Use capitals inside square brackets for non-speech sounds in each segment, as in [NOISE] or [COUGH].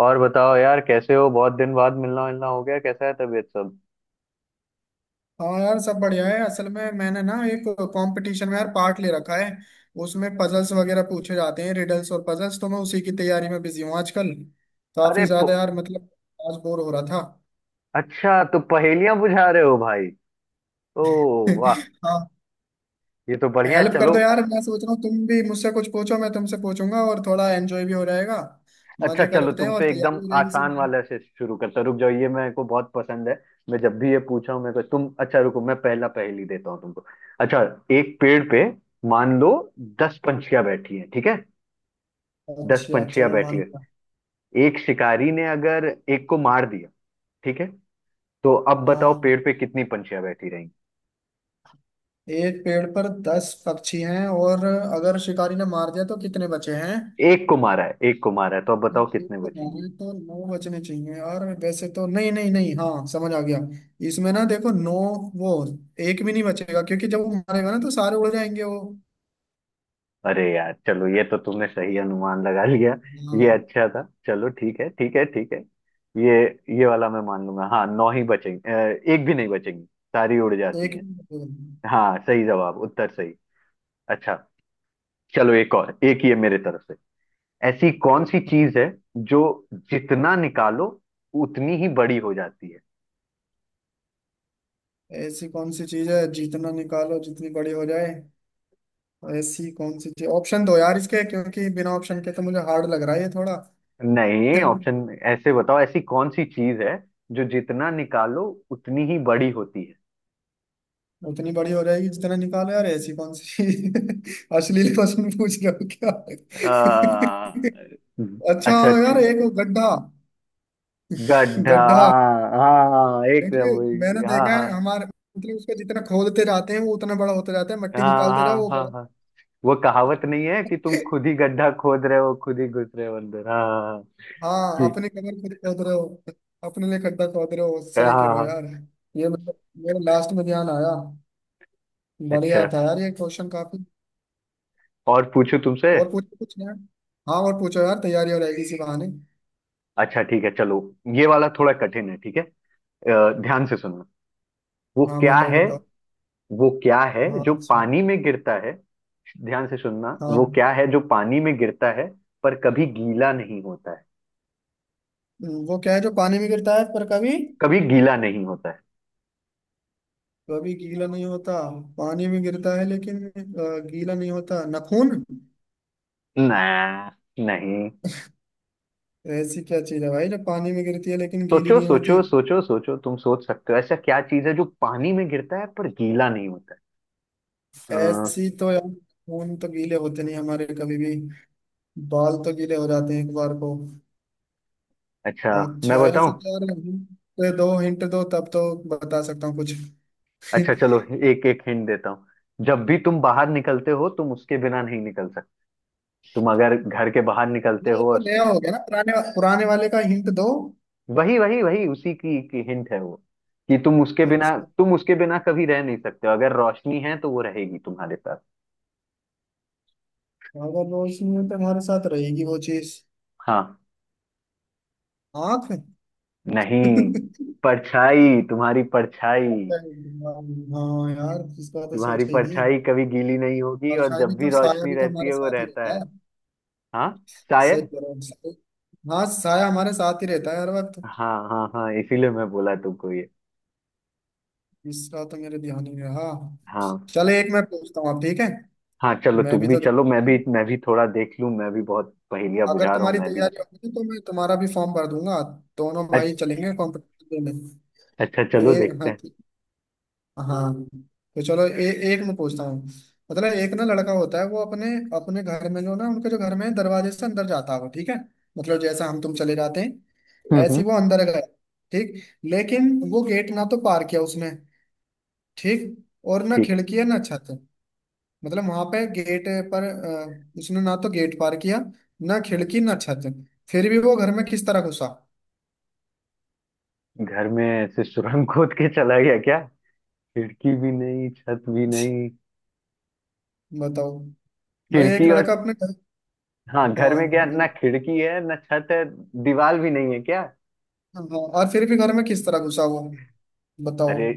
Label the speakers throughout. Speaker 1: और बताओ यार, कैसे हो? बहुत दिन बाद मिलना मिलना हो गया। कैसा है तबीयत सब?
Speaker 2: हाँ यार, सब बढ़िया है। असल में मैंने ना एक कंपटीशन में यार पार्ट ले रखा है। उसमें पजल्स वगैरह पूछे जाते हैं, रिडल्स और पजल्स, तो मैं उसी की तैयारी में बिजी हूँ आजकल। काफी
Speaker 1: अरे प...
Speaker 2: ज्यादा यार, मतलब आज बोर हो रहा था।
Speaker 1: अच्छा, तो पहेलियां बुझा रहे हो भाई? ओ, वाह!
Speaker 2: [LAUGHS] हाँ।
Speaker 1: ये तो बढ़िया है,
Speaker 2: हेल्प कर
Speaker 1: चलो।
Speaker 2: दो यार, मैं सोच रहा हूँ तुम भी मुझसे कुछ पूछो, मैं तुमसे पूछूंगा और थोड़ा एंजॉय भी हो जाएगा।
Speaker 1: अच्छा
Speaker 2: मजे
Speaker 1: चलो,
Speaker 2: करते हैं और
Speaker 1: तुमसे एकदम
Speaker 2: तैयारी हो जाएगी इसी
Speaker 1: आसान
Speaker 2: बहाने।
Speaker 1: वाले से शुरू करता हूं। रुक जाओ, ये मेरे को बहुत पसंद है। मैं जब भी ये पूछा हूं मेरे को, तुम अच्छा रुको, मैं पहला पहेली देता हूँ तुमको। अच्छा, एक पेड़ पे मान लो 10 पंछियां बैठी हैं, ठीक है? दस
Speaker 2: अच्छा
Speaker 1: पंछियां
Speaker 2: चलो,
Speaker 1: बैठी
Speaker 2: मान
Speaker 1: हैं।
Speaker 2: लिया।
Speaker 1: एक शिकारी ने अगर एक को मार दिया, ठीक है? तो अब बताओ
Speaker 2: हाँ,
Speaker 1: पेड़ पे कितनी पंछियां बैठी?
Speaker 2: एक पेड़ पर 10 पक्षी हैं और अगर शिकारी ने मार दिया तो कितने बचे हैं?
Speaker 1: एक को मारा है, एक को मारा है, तो अब बताओ कितने बचेंगे?
Speaker 2: ये तो नौ बचने चाहिए यार वैसे तो। नहीं नहीं नहीं, हाँ समझ आ गया। इसमें ना देखो, नौ वो एक भी नहीं बचेगा, क्योंकि जब वो मारेगा ना तो सारे उड़ जाएंगे वो।
Speaker 1: अरे यार, चलो, ये तो तुमने सही अनुमान लगा लिया। ये
Speaker 2: हाँ,
Speaker 1: अच्छा था। चलो, ठीक है ठीक है ठीक है। ये ये वाला मैं मान लूंगा। हाँ, नौ ही बचेंगे। एक भी नहीं बचेंगी, सारी उड़
Speaker 2: तो
Speaker 1: जाती
Speaker 2: एक
Speaker 1: हैं।
Speaker 2: भी नहीं
Speaker 1: हाँ, सही जवाब, उत्तर सही। अच्छा चलो, एक और, एक ये मेरे तरफ से। ऐसी कौन सी चीज है
Speaker 2: बचेगा।
Speaker 1: जो जितना निकालो उतनी ही बड़ी हो जाती है?
Speaker 2: ऐसी कौन सी चीज है जितना निकालो जितनी बड़ी हो जाए? ऐसी कौन सी चीज, ऑप्शन दो यार इसके, क्योंकि बिना ऑप्शन के तो मुझे हार्ड लग रहा है ये थोड़ा।
Speaker 1: नहीं, ऑप्शन
Speaker 2: [LAUGHS]
Speaker 1: ऐसे बताओ, ऐसी कौन सी चीज है जो जितना निकालो उतनी ही बड़ी होती है?
Speaker 2: उतनी बड़ी हो जाएगी जितना निकालो, यार ऐसी कौन सी चीज? [LAUGHS] अश्लील क्वेश्चन पूछ रहे हो क्या?
Speaker 1: आ,
Speaker 2: [LAUGHS] अच्छा
Speaker 1: अच्छा अच्छा,
Speaker 2: यार, एक गड्ढा।
Speaker 1: गड्ढा।
Speaker 2: गड्ढा
Speaker 1: हाँ हाँ हाँ, हाँ, एक।
Speaker 2: देखिए, मैंने
Speaker 1: हाँ
Speaker 2: देखा है
Speaker 1: हाँ
Speaker 2: हमारे, मतलब उसको जितना खोदते जाते हैं वो उतना बड़ा होता जाता है, मट्टी
Speaker 1: हाँ
Speaker 2: निकालते जाओ
Speaker 1: हाँ।
Speaker 2: वो
Speaker 1: हाँ
Speaker 2: बड़ा।
Speaker 1: हाँ, वो कहावत नहीं है कि तुम खुद ही गड्ढा खोद रहे हो, खुद ही घुस रहे हो अंदर। हाँ हाँ हाँ,
Speaker 2: हाँ,
Speaker 1: ठीक
Speaker 2: अपने कमर खुद खोद रहे हो, अपने लिए खड्डा खोद रहे हो,
Speaker 1: है,
Speaker 2: सही कह
Speaker 1: हाँ
Speaker 2: रहे हो
Speaker 1: हाँ।
Speaker 2: यार। ये मतलब मेरे लास्ट में ध्यान आया। बढ़िया
Speaker 1: अच्छा,
Speaker 2: था यार ये क्वेश्चन काफी।
Speaker 1: और पूछूं तुमसे?
Speaker 2: और पूछो कुछ यार। हाँ, और पूछो यार, तैयारी हो जाएगी इसी बहाने।
Speaker 1: अच्छा ठीक है चलो, ये वाला थोड़ा कठिन है, ठीक है। ध्यान से सुनना। वो
Speaker 2: हाँ
Speaker 1: क्या
Speaker 2: बताओ
Speaker 1: है?
Speaker 2: बताओ।
Speaker 1: वो क्या है
Speaker 2: हाँ,
Speaker 1: जो
Speaker 2: अच्छा।
Speaker 1: पानी में गिरता है? ध्यान से सुनना, वो
Speaker 2: हाँ।
Speaker 1: क्या है जो पानी में गिरता है पर कभी गीला नहीं होता है?
Speaker 2: वो क्या है जो पानी में गिरता है पर कभी
Speaker 1: कभी गीला नहीं होता है।
Speaker 2: कभी गीला नहीं होता? पानी में गिरता है लेकिन गीला नहीं होता। नाखून?
Speaker 1: ना, नहीं।
Speaker 2: ऐसी क्या चीज है भाई जो पानी में गिरती है लेकिन गीली
Speaker 1: सोचो
Speaker 2: नहीं
Speaker 1: सोचो
Speaker 2: होती?
Speaker 1: सोचो सोचो, तुम सोच सकते हो ऐसा क्या चीज है जो पानी में गिरता है पर गीला नहीं होता है? अ,
Speaker 2: ऐसी तो यार, खून तो गीले होते नहीं हमारे कभी भी। बाल तो गीले हो जाते हैं एक बार को।
Speaker 1: अच्छा,
Speaker 2: अच्छा,
Speaker 1: मैं बताऊं?
Speaker 2: ऐसा तो यार, hint दो, हिंट दो, तब तो बता सकता हूँ कुछ। [LAUGHS]
Speaker 1: अच्छा चलो, एक एक हिंट देता हूँ। जब भी तुम बाहर निकलते हो, तुम उसके बिना नहीं निकल सकते। तुम अगर घर के बाहर निकलते
Speaker 2: नहीं, अब
Speaker 1: हो
Speaker 2: तो
Speaker 1: और
Speaker 2: नया हो गया ना, पुराने पुराने वाले का हिंट दो।
Speaker 1: वही वही वही उसी की हिंट है वो। कि तुम उसके बिना,
Speaker 2: अच्छा,
Speaker 1: कभी रह नहीं सकते हो। अगर रोशनी है तो वो रहेगी तुम्हारे साथ।
Speaker 2: अगर रोशनी है तो हमारे साथ रहेगी वो चीज?
Speaker 1: हाँ,
Speaker 2: आँख?
Speaker 1: नहीं,
Speaker 2: [LAUGHS]
Speaker 1: परछाई, तुम्हारी परछाई।
Speaker 2: हाँ हाँ, यार इस बात तो
Speaker 1: तुम्हारी
Speaker 2: सोचा ही नहीं।
Speaker 1: परछाई कभी गीली नहीं होगी,
Speaker 2: और
Speaker 1: और
Speaker 2: साया भी
Speaker 1: जब भी
Speaker 2: तो,
Speaker 1: रोशनी रहती
Speaker 2: हमारे
Speaker 1: है वो
Speaker 2: साथ ही
Speaker 1: रहता है।
Speaker 2: रहता है।
Speaker 1: हाँ,
Speaker 2: सही
Speaker 1: शायद।
Speaker 2: कह रहे हो, सही। हाँ, साया हमारे साथ ही रहता है हर वक्त।
Speaker 1: हाँ हाँ हाँ, इसीलिए मैं बोला तुमको ये।
Speaker 2: इसका तो मेरे ध्यान ही नहीं रहा।
Speaker 1: हाँ,
Speaker 2: चले, एक मैं पूछता हूँ आप, ठीक है?
Speaker 1: हाँ चलो,
Speaker 2: मैं
Speaker 1: तुम
Speaker 2: भी
Speaker 1: भी
Speaker 2: तो
Speaker 1: चलो, मैं
Speaker 2: देखता
Speaker 1: भी,
Speaker 2: हूँ।
Speaker 1: थोड़ा देख लूं। मैं भी बहुत पहेलियां
Speaker 2: अगर
Speaker 1: बुझा रहा हूँ
Speaker 2: तुम्हारी
Speaker 1: मैं भी।
Speaker 2: तैयारी होगी तो मैं तुम्हारा भी फॉर्म भर दूंगा, दोनों भाई
Speaker 1: अच्छ-
Speaker 2: चलेंगे कॉम्पिटिशन में।
Speaker 1: अच्छा चलो,
Speaker 2: ए,
Speaker 1: देखते
Speaker 2: हाँ।
Speaker 1: हैं।
Speaker 2: हाँ, तो चलो। एक मैं पूछता हूँ, मतलब एक ना लड़का होता है, वो अपने अपने घर में जो, ना उनके जो घर में है, दरवाजे से अंदर जाता हो, ठीक है? मतलब जैसा हम तुम चले जाते
Speaker 1: हम्म,
Speaker 2: हैं, ऐसे ही वो अंदर गया, ठीक। लेकिन वो गेट ना तो पार किया उसने, ठीक। और ना
Speaker 1: ठीक
Speaker 2: खिड़की है ना छत। मतलब वहां पे गेट पर उसने ना तो गेट पार किया, ना
Speaker 1: है।
Speaker 2: खिड़की ना छत। फिर भी वो घर में किस तरह घुसा?
Speaker 1: घर में ऐसे सुरंग खोद के चला गया क्या? खिड़की भी नहीं, छत भी नहीं?
Speaker 2: [LAUGHS] बताओ, मतलब एक
Speaker 1: खिड़की, और
Speaker 2: लड़का अपने घर।
Speaker 1: हाँ, घर में क्या
Speaker 2: हाँ
Speaker 1: ना खिड़की है ना छत है? दीवार भी नहीं है क्या?
Speaker 2: हाँ, और फिर भी घर में किस तरह घुसा वो? बताओ।
Speaker 1: अरे,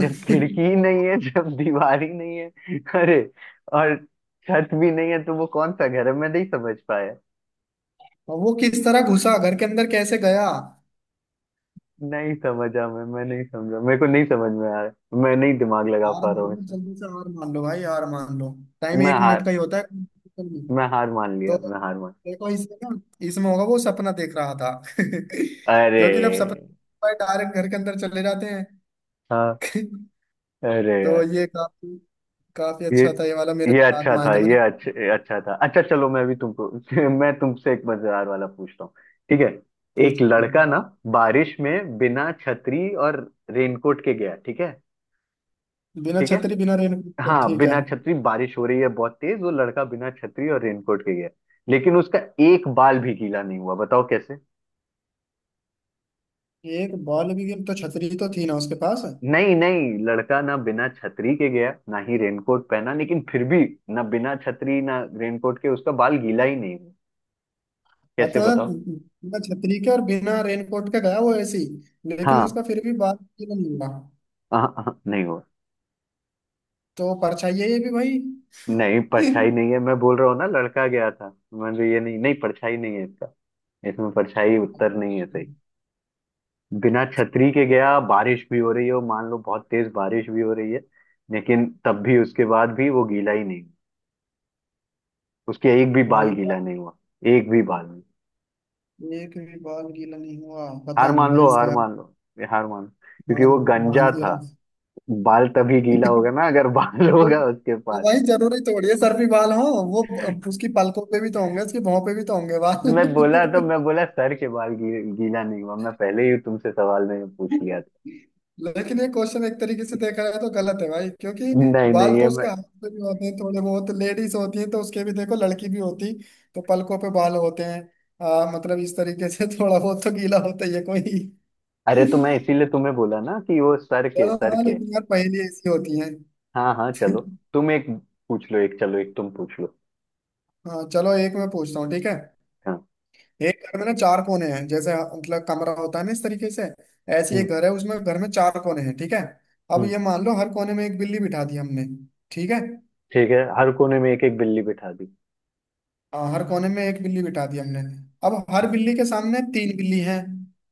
Speaker 1: जब खिड़की ही नहीं है, जब दीवार ही नहीं है, अरे, और छत भी नहीं है, तो वो कौन सा घर है? मैं नहीं समझ पाया।
Speaker 2: और वो किस तरह घुसा घर के अंदर, कैसे गया?
Speaker 1: नहीं समझा, मैं नहीं समझा, मेरे को नहीं समझ में आ रहा, मैं नहीं दिमाग लगा
Speaker 2: हार
Speaker 1: पा रहा
Speaker 2: मान
Speaker 1: हूँ
Speaker 2: लो
Speaker 1: इसमें।
Speaker 2: जल्दी से, हार मान लो भाई, हार मान लो। टाइम
Speaker 1: मैं
Speaker 2: एक
Speaker 1: हार
Speaker 2: मिनट का ही होता है।
Speaker 1: मैं हार मान
Speaker 2: तो
Speaker 1: लिया, मैं हार मान।
Speaker 2: देखो इसमें ना, इसमें होगा वो सपना देख रहा था, [LAUGHS]
Speaker 1: अरे,
Speaker 2: क्योंकि जब सपना डायरेक्ट घर के अंदर चले जाते हैं।
Speaker 1: हाँ, अरे
Speaker 2: [LAUGHS] तो
Speaker 1: यार,
Speaker 2: ये काफी, काफी
Speaker 1: ये
Speaker 2: अच्छा था, ये वाला मेरे
Speaker 1: ये
Speaker 2: दिमाग
Speaker 1: अच्छा
Speaker 2: में आया
Speaker 1: था,
Speaker 2: था। मैंने
Speaker 1: ये अच्छा अच्छा था। अच्छा चलो, मैं भी तुमको [LAUGHS] मैं तुमसे एक मजेदार वाला पूछता हूँ, ठीक है? एक
Speaker 2: पूछा,
Speaker 1: लड़का ना बारिश में बिना छतरी और रेनकोट के गया, ठीक है?
Speaker 2: बिना
Speaker 1: ठीक है,
Speaker 2: छतरी बिना रेनकोट के,
Speaker 1: हाँ,
Speaker 2: ठीक है।
Speaker 1: बिना छतरी, बारिश हो रही है बहुत तेज, वो लड़का बिना छतरी और रेनकोट के गया, लेकिन उसका एक बाल भी गीला नहीं हुआ। बताओ कैसे?
Speaker 2: एक बॉल भी गिर, तो छतरी तो थी ना उसके पास?
Speaker 1: नहीं नहीं, लड़का ना बिना छतरी के गया, ना ही रेनकोट पहना, लेकिन फिर भी, ना बिना छतरी ना रेनकोट के, उसका बाल गीला ही नहीं हुआ। कैसे
Speaker 2: अच्छा,
Speaker 1: बताओ?
Speaker 2: बिना छतरी के और बिना रेनकोट के गया वो ऐसे ही, लेकिन
Speaker 1: हाँ
Speaker 2: उसका फिर भी बाल गीला नहीं हुआ।
Speaker 1: हाँ, हाँ, नहीं हुआ।
Speaker 2: तो परछाई है ये भी भाई।
Speaker 1: नहीं, परछाई नहीं
Speaker 2: [LAUGHS]
Speaker 1: है, मैं बोल रहा हूँ ना, लड़का गया था। मैं तो ये नहीं, नहीं परछाई नहीं है इसका। इसमें परछाई उत्तर नहीं है सही। बिना छतरी के गया, बारिश भी हो रही हो मान लो, बहुत तेज बारिश भी हो रही है, लेकिन तब भी, उसके बाद भी, वो गीला ही नहीं। उसके एक भी
Speaker 2: भाई
Speaker 1: बाल
Speaker 2: भाई,
Speaker 1: गीला नहीं हुआ। एक भी बाल नहीं।
Speaker 2: एक भी बाल गीला नहीं हुआ, पता
Speaker 1: हार
Speaker 2: नहीं
Speaker 1: मान
Speaker 2: भाई
Speaker 1: लो, हार
Speaker 2: इसका।
Speaker 1: मान लो, ये हार मान लो।
Speaker 2: मान
Speaker 1: क्योंकि वो
Speaker 2: मान
Speaker 1: गंजा था।
Speaker 2: गया।
Speaker 1: बाल तभी गीला होगा
Speaker 2: [LAUGHS]
Speaker 1: ना अगर बाल [LAUGHS]
Speaker 2: तो
Speaker 1: होगा उसके
Speaker 2: ये
Speaker 1: पास।
Speaker 2: भाई जरूरी थोड़ी है सर पे बाल हो, वो उसकी पलकों पे भी तो होंगे, उसकी भौं पे भी तो होंगे
Speaker 1: मैं बोला, तो
Speaker 2: बाल।
Speaker 1: मैं
Speaker 2: [LAUGHS]
Speaker 1: बोला सर के बाल गीला नहीं हुआ, मैं पहले ही तुमसे सवाल मैंने पूछ लिया था।
Speaker 2: लेकिन ये क्वेश्चन एक तरीके से देखा जाए तो गलत है भाई, क्योंकि
Speaker 1: नहीं
Speaker 2: बाल
Speaker 1: नहीं
Speaker 2: तो
Speaker 1: ये
Speaker 2: उसके
Speaker 1: मैं
Speaker 2: हाथ पे भी होते हैं थोड़े बहुत, लेडीज होती हैं तो उसके भी देखो, लड़की भी होती तो पलकों पे बाल होते हैं। मतलब इस तरीके से [LAUGHS] थोड़ा बहुत तो गीला होता ही है कोई।
Speaker 1: अरे, तो मैं इसीलिए तुम्हें बोला ना कि वो सर के,
Speaker 2: चलो
Speaker 1: सर
Speaker 2: हाँ,
Speaker 1: के।
Speaker 2: लेकिन यार पहेली ऐसी होती है।
Speaker 1: हाँ हाँ चलो, तुम एक पूछ लो, एक चलो, एक तुम पूछ लो।
Speaker 2: हाँ चलो, एक मैं पूछता हूँ, ठीक है?
Speaker 1: हाँ।
Speaker 2: एक घर में ना चार कोने हैं, जैसे मतलब कमरा होता है ना, इस तरीके से। ऐसे एक
Speaker 1: हम्म
Speaker 2: घर है, उसमें घर में चार कोने हैं, ठीक है। अब
Speaker 1: हम्म,
Speaker 2: ये मान लो हर कोने में एक बिल्ली बिठा दी हमने, ठीक है।
Speaker 1: ठीक है, हर कोने में एक एक बिल्ली बिठा दी।
Speaker 2: हाँ, हर कोने में एक बिल्ली बिठा दी हमने। अब हर बिल्ली के सामने तीन बिल्ली हैं,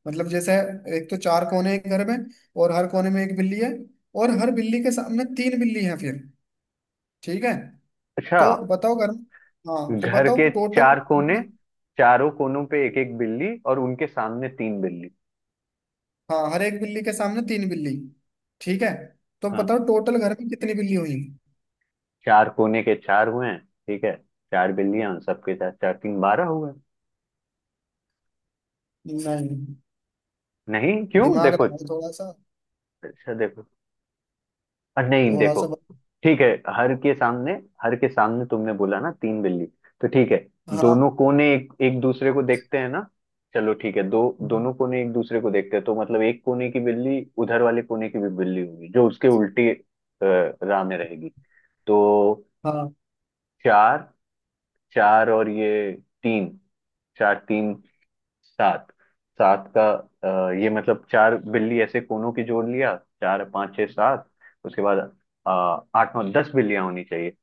Speaker 2: मतलब जैसे, एक तो चार कोने हैं घर में और हर कोने में एक बिल्ली है, और हर बिल्ली के सामने तीन बिल्ली हैं फिर, ठीक है।
Speaker 1: अच्छा,
Speaker 2: तो बताओ घर में, हाँ, तो
Speaker 1: घर के
Speaker 2: बताओ टोटल
Speaker 1: चार कोने,
Speaker 2: कितना?
Speaker 1: चारों कोनों पे एक एक बिल्ली, और उनके सामने तीन बिल्ली।
Speaker 2: हाँ, हर एक बिल्ली के सामने तीन बिल्ली, ठीक है। तो
Speaker 1: हाँ,
Speaker 2: बताओ टोटल घर में कितनी बिल्ली हुई?
Speaker 1: चार कोने के चार हुए हैं, ठीक है, चार बिल्लियां सबके साथ, चार तीन 12 हुए हैं।
Speaker 2: नहीं,
Speaker 1: नहीं क्यों,
Speaker 2: दिमाग
Speaker 1: देखो
Speaker 2: लगाओ थोड़ा सा।
Speaker 1: अच्छा, देखो, नहीं
Speaker 2: थोड़ा
Speaker 1: देखो,
Speaker 2: सा बत-
Speaker 1: ठीक है, हर के सामने, हर के सामने तुमने बोला ना तीन बिल्ली, तो ठीक है,
Speaker 2: हाँ
Speaker 1: दोनों कोने एक एक दूसरे को देखते हैं ना। चलो ठीक है, दो दोनों कोने एक दूसरे को देखते हैं, तो मतलब एक कोने की बिल्ली उधर वाले कोने की भी बिल्ली होगी जो उसके उल्टी राह में रहेगी। तो
Speaker 2: हाँ।
Speaker 1: चार, चार और ये तीन, चार तीन सात, सात का ये मतलब चार बिल्ली ऐसे कोनों की जोड़ लिया, चार पाँच छः सात, उसके बाद अ, आठ नौ 10 बिल्लियां होनी चाहिए।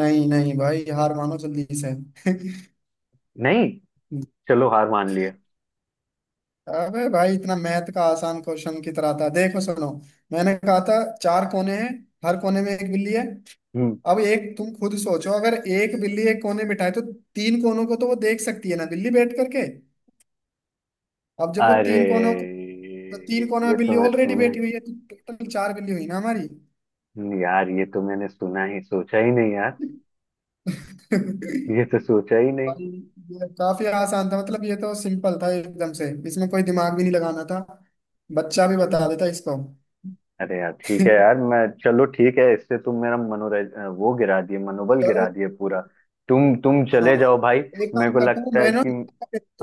Speaker 2: नहीं नहीं भाई, हार मानो जल्दी से।
Speaker 1: नहीं, चलो हार मान लिए।
Speaker 2: अबे भाई, इतना मैथ का आसान क्वेश्चन की तरह था, देखो सुनो। मैंने कहा था, चार कोने हैं, हर कोने में एक बिल्ली है।
Speaker 1: हम्म,
Speaker 2: अब एक तुम खुद सोचो, अगर एक बिल्ली एक कोने बिठाए तो तीन कोनों को तो वो देख सकती है ना बिल्ली बैठ करके। अब जब वो
Speaker 1: अरे
Speaker 2: तीन कोनों को, तो तीन कोनों में
Speaker 1: ये
Speaker 2: बिल्ली
Speaker 1: तो मैं
Speaker 2: ऑलरेडी
Speaker 1: सुना ही,
Speaker 2: बैठी हुई है, तो टोटल चार बिल्ली हुई ना हमारी।
Speaker 1: यार ये तो मैंने सुना ही, सोचा ही नहीं यार, ये तो सोचा ही नहीं।
Speaker 2: भाई ये काफी आसान था, मतलब ये तो सिंपल था एकदम से, इसमें कोई दिमाग भी नहीं लगाना था, बच्चा भी बता देता इसको।
Speaker 1: अरे यार ठीक है यार,
Speaker 2: [LAUGHS]
Speaker 1: मैं, चलो ठीक है, इससे तुम मेरा मनोरंज वो गिरा दिए, मनोबल
Speaker 2: चलो
Speaker 1: गिरा दिए पूरा। तुम
Speaker 2: हाँ,
Speaker 1: चले जाओ भाई।
Speaker 2: एक
Speaker 1: मेरे
Speaker 2: काम
Speaker 1: को
Speaker 2: करता हूँ
Speaker 1: लगता है
Speaker 2: मैं ना,
Speaker 1: कि,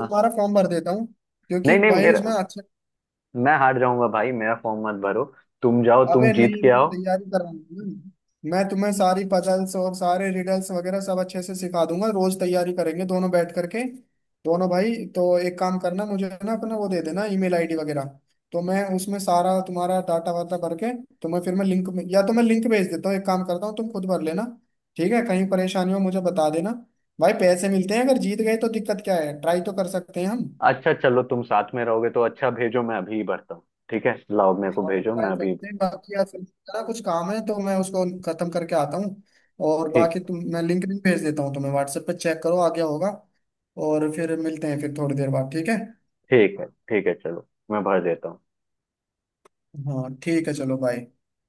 Speaker 1: हाँ,
Speaker 2: फॉर्म भर देता हूँ, क्योंकि
Speaker 1: नहीं नहीं
Speaker 2: भाई
Speaker 1: मेरा
Speaker 2: उसमें अच्छा।
Speaker 1: मैं हार जाऊंगा भाई, मेरा फॉर्म मत भरो। तुम जाओ, तुम
Speaker 2: अबे
Speaker 1: जीत
Speaker 2: नहीं,
Speaker 1: के
Speaker 2: मैं
Speaker 1: आओ।
Speaker 2: तैयारी कर रहा हूँ, मैं तुम्हें सारी पजल्स और सारे रिडल्स वगैरह सब अच्छे से सिखा दूंगा, रोज तैयारी करेंगे दोनों बैठ करके, दोनों भाई। तो एक काम करना, मुझे ना अपना वो दे देना, ईमेल आईडी वगैरह, तो मैं उसमें सारा तुम्हारा डाटा वाटा भर के तुम्हें फिर, मैं लिंक में, या तो मैं लिंक भेज देता हूँ, एक काम करता हूँ, तुम खुद भर लेना, ठीक है? कहीं परेशानी हो मुझे बता देना। भाई पैसे मिलते हैं अगर जीत गए तो, दिक्कत क्या है, ट्राई तो कर सकते हैं हम।
Speaker 1: अच्छा चलो, तुम साथ में रहोगे तो अच्छा, भेजो, मैं अभी ही भरता हूँ। ठीक है, लाओ, मेरे को
Speaker 2: हाँ,
Speaker 1: भेजो, मैं
Speaker 2: ट्राई
Speaker 1: अभी,
Speaker 2: करते हैं। बाकी यार, फिर मेरा कुछ काम है तो मैं उसको खत्म करके आता हूँ। और
Speaker 1: ठीक,
Speaker 2: बाकी तुम, मैं लिंक भी भेज देता हूँ तुम्हें व्हाट्सएप पे, चेक करो आ गया होगा। और फिर मिलते हैं फिर थोड़ी देर बाद, ठीक है?
Speaker 1: ठीक है, ठीक है चलो, मैं भर देता हूँ।
Speaker 2: हाँ, ठीक है, चलो बाय।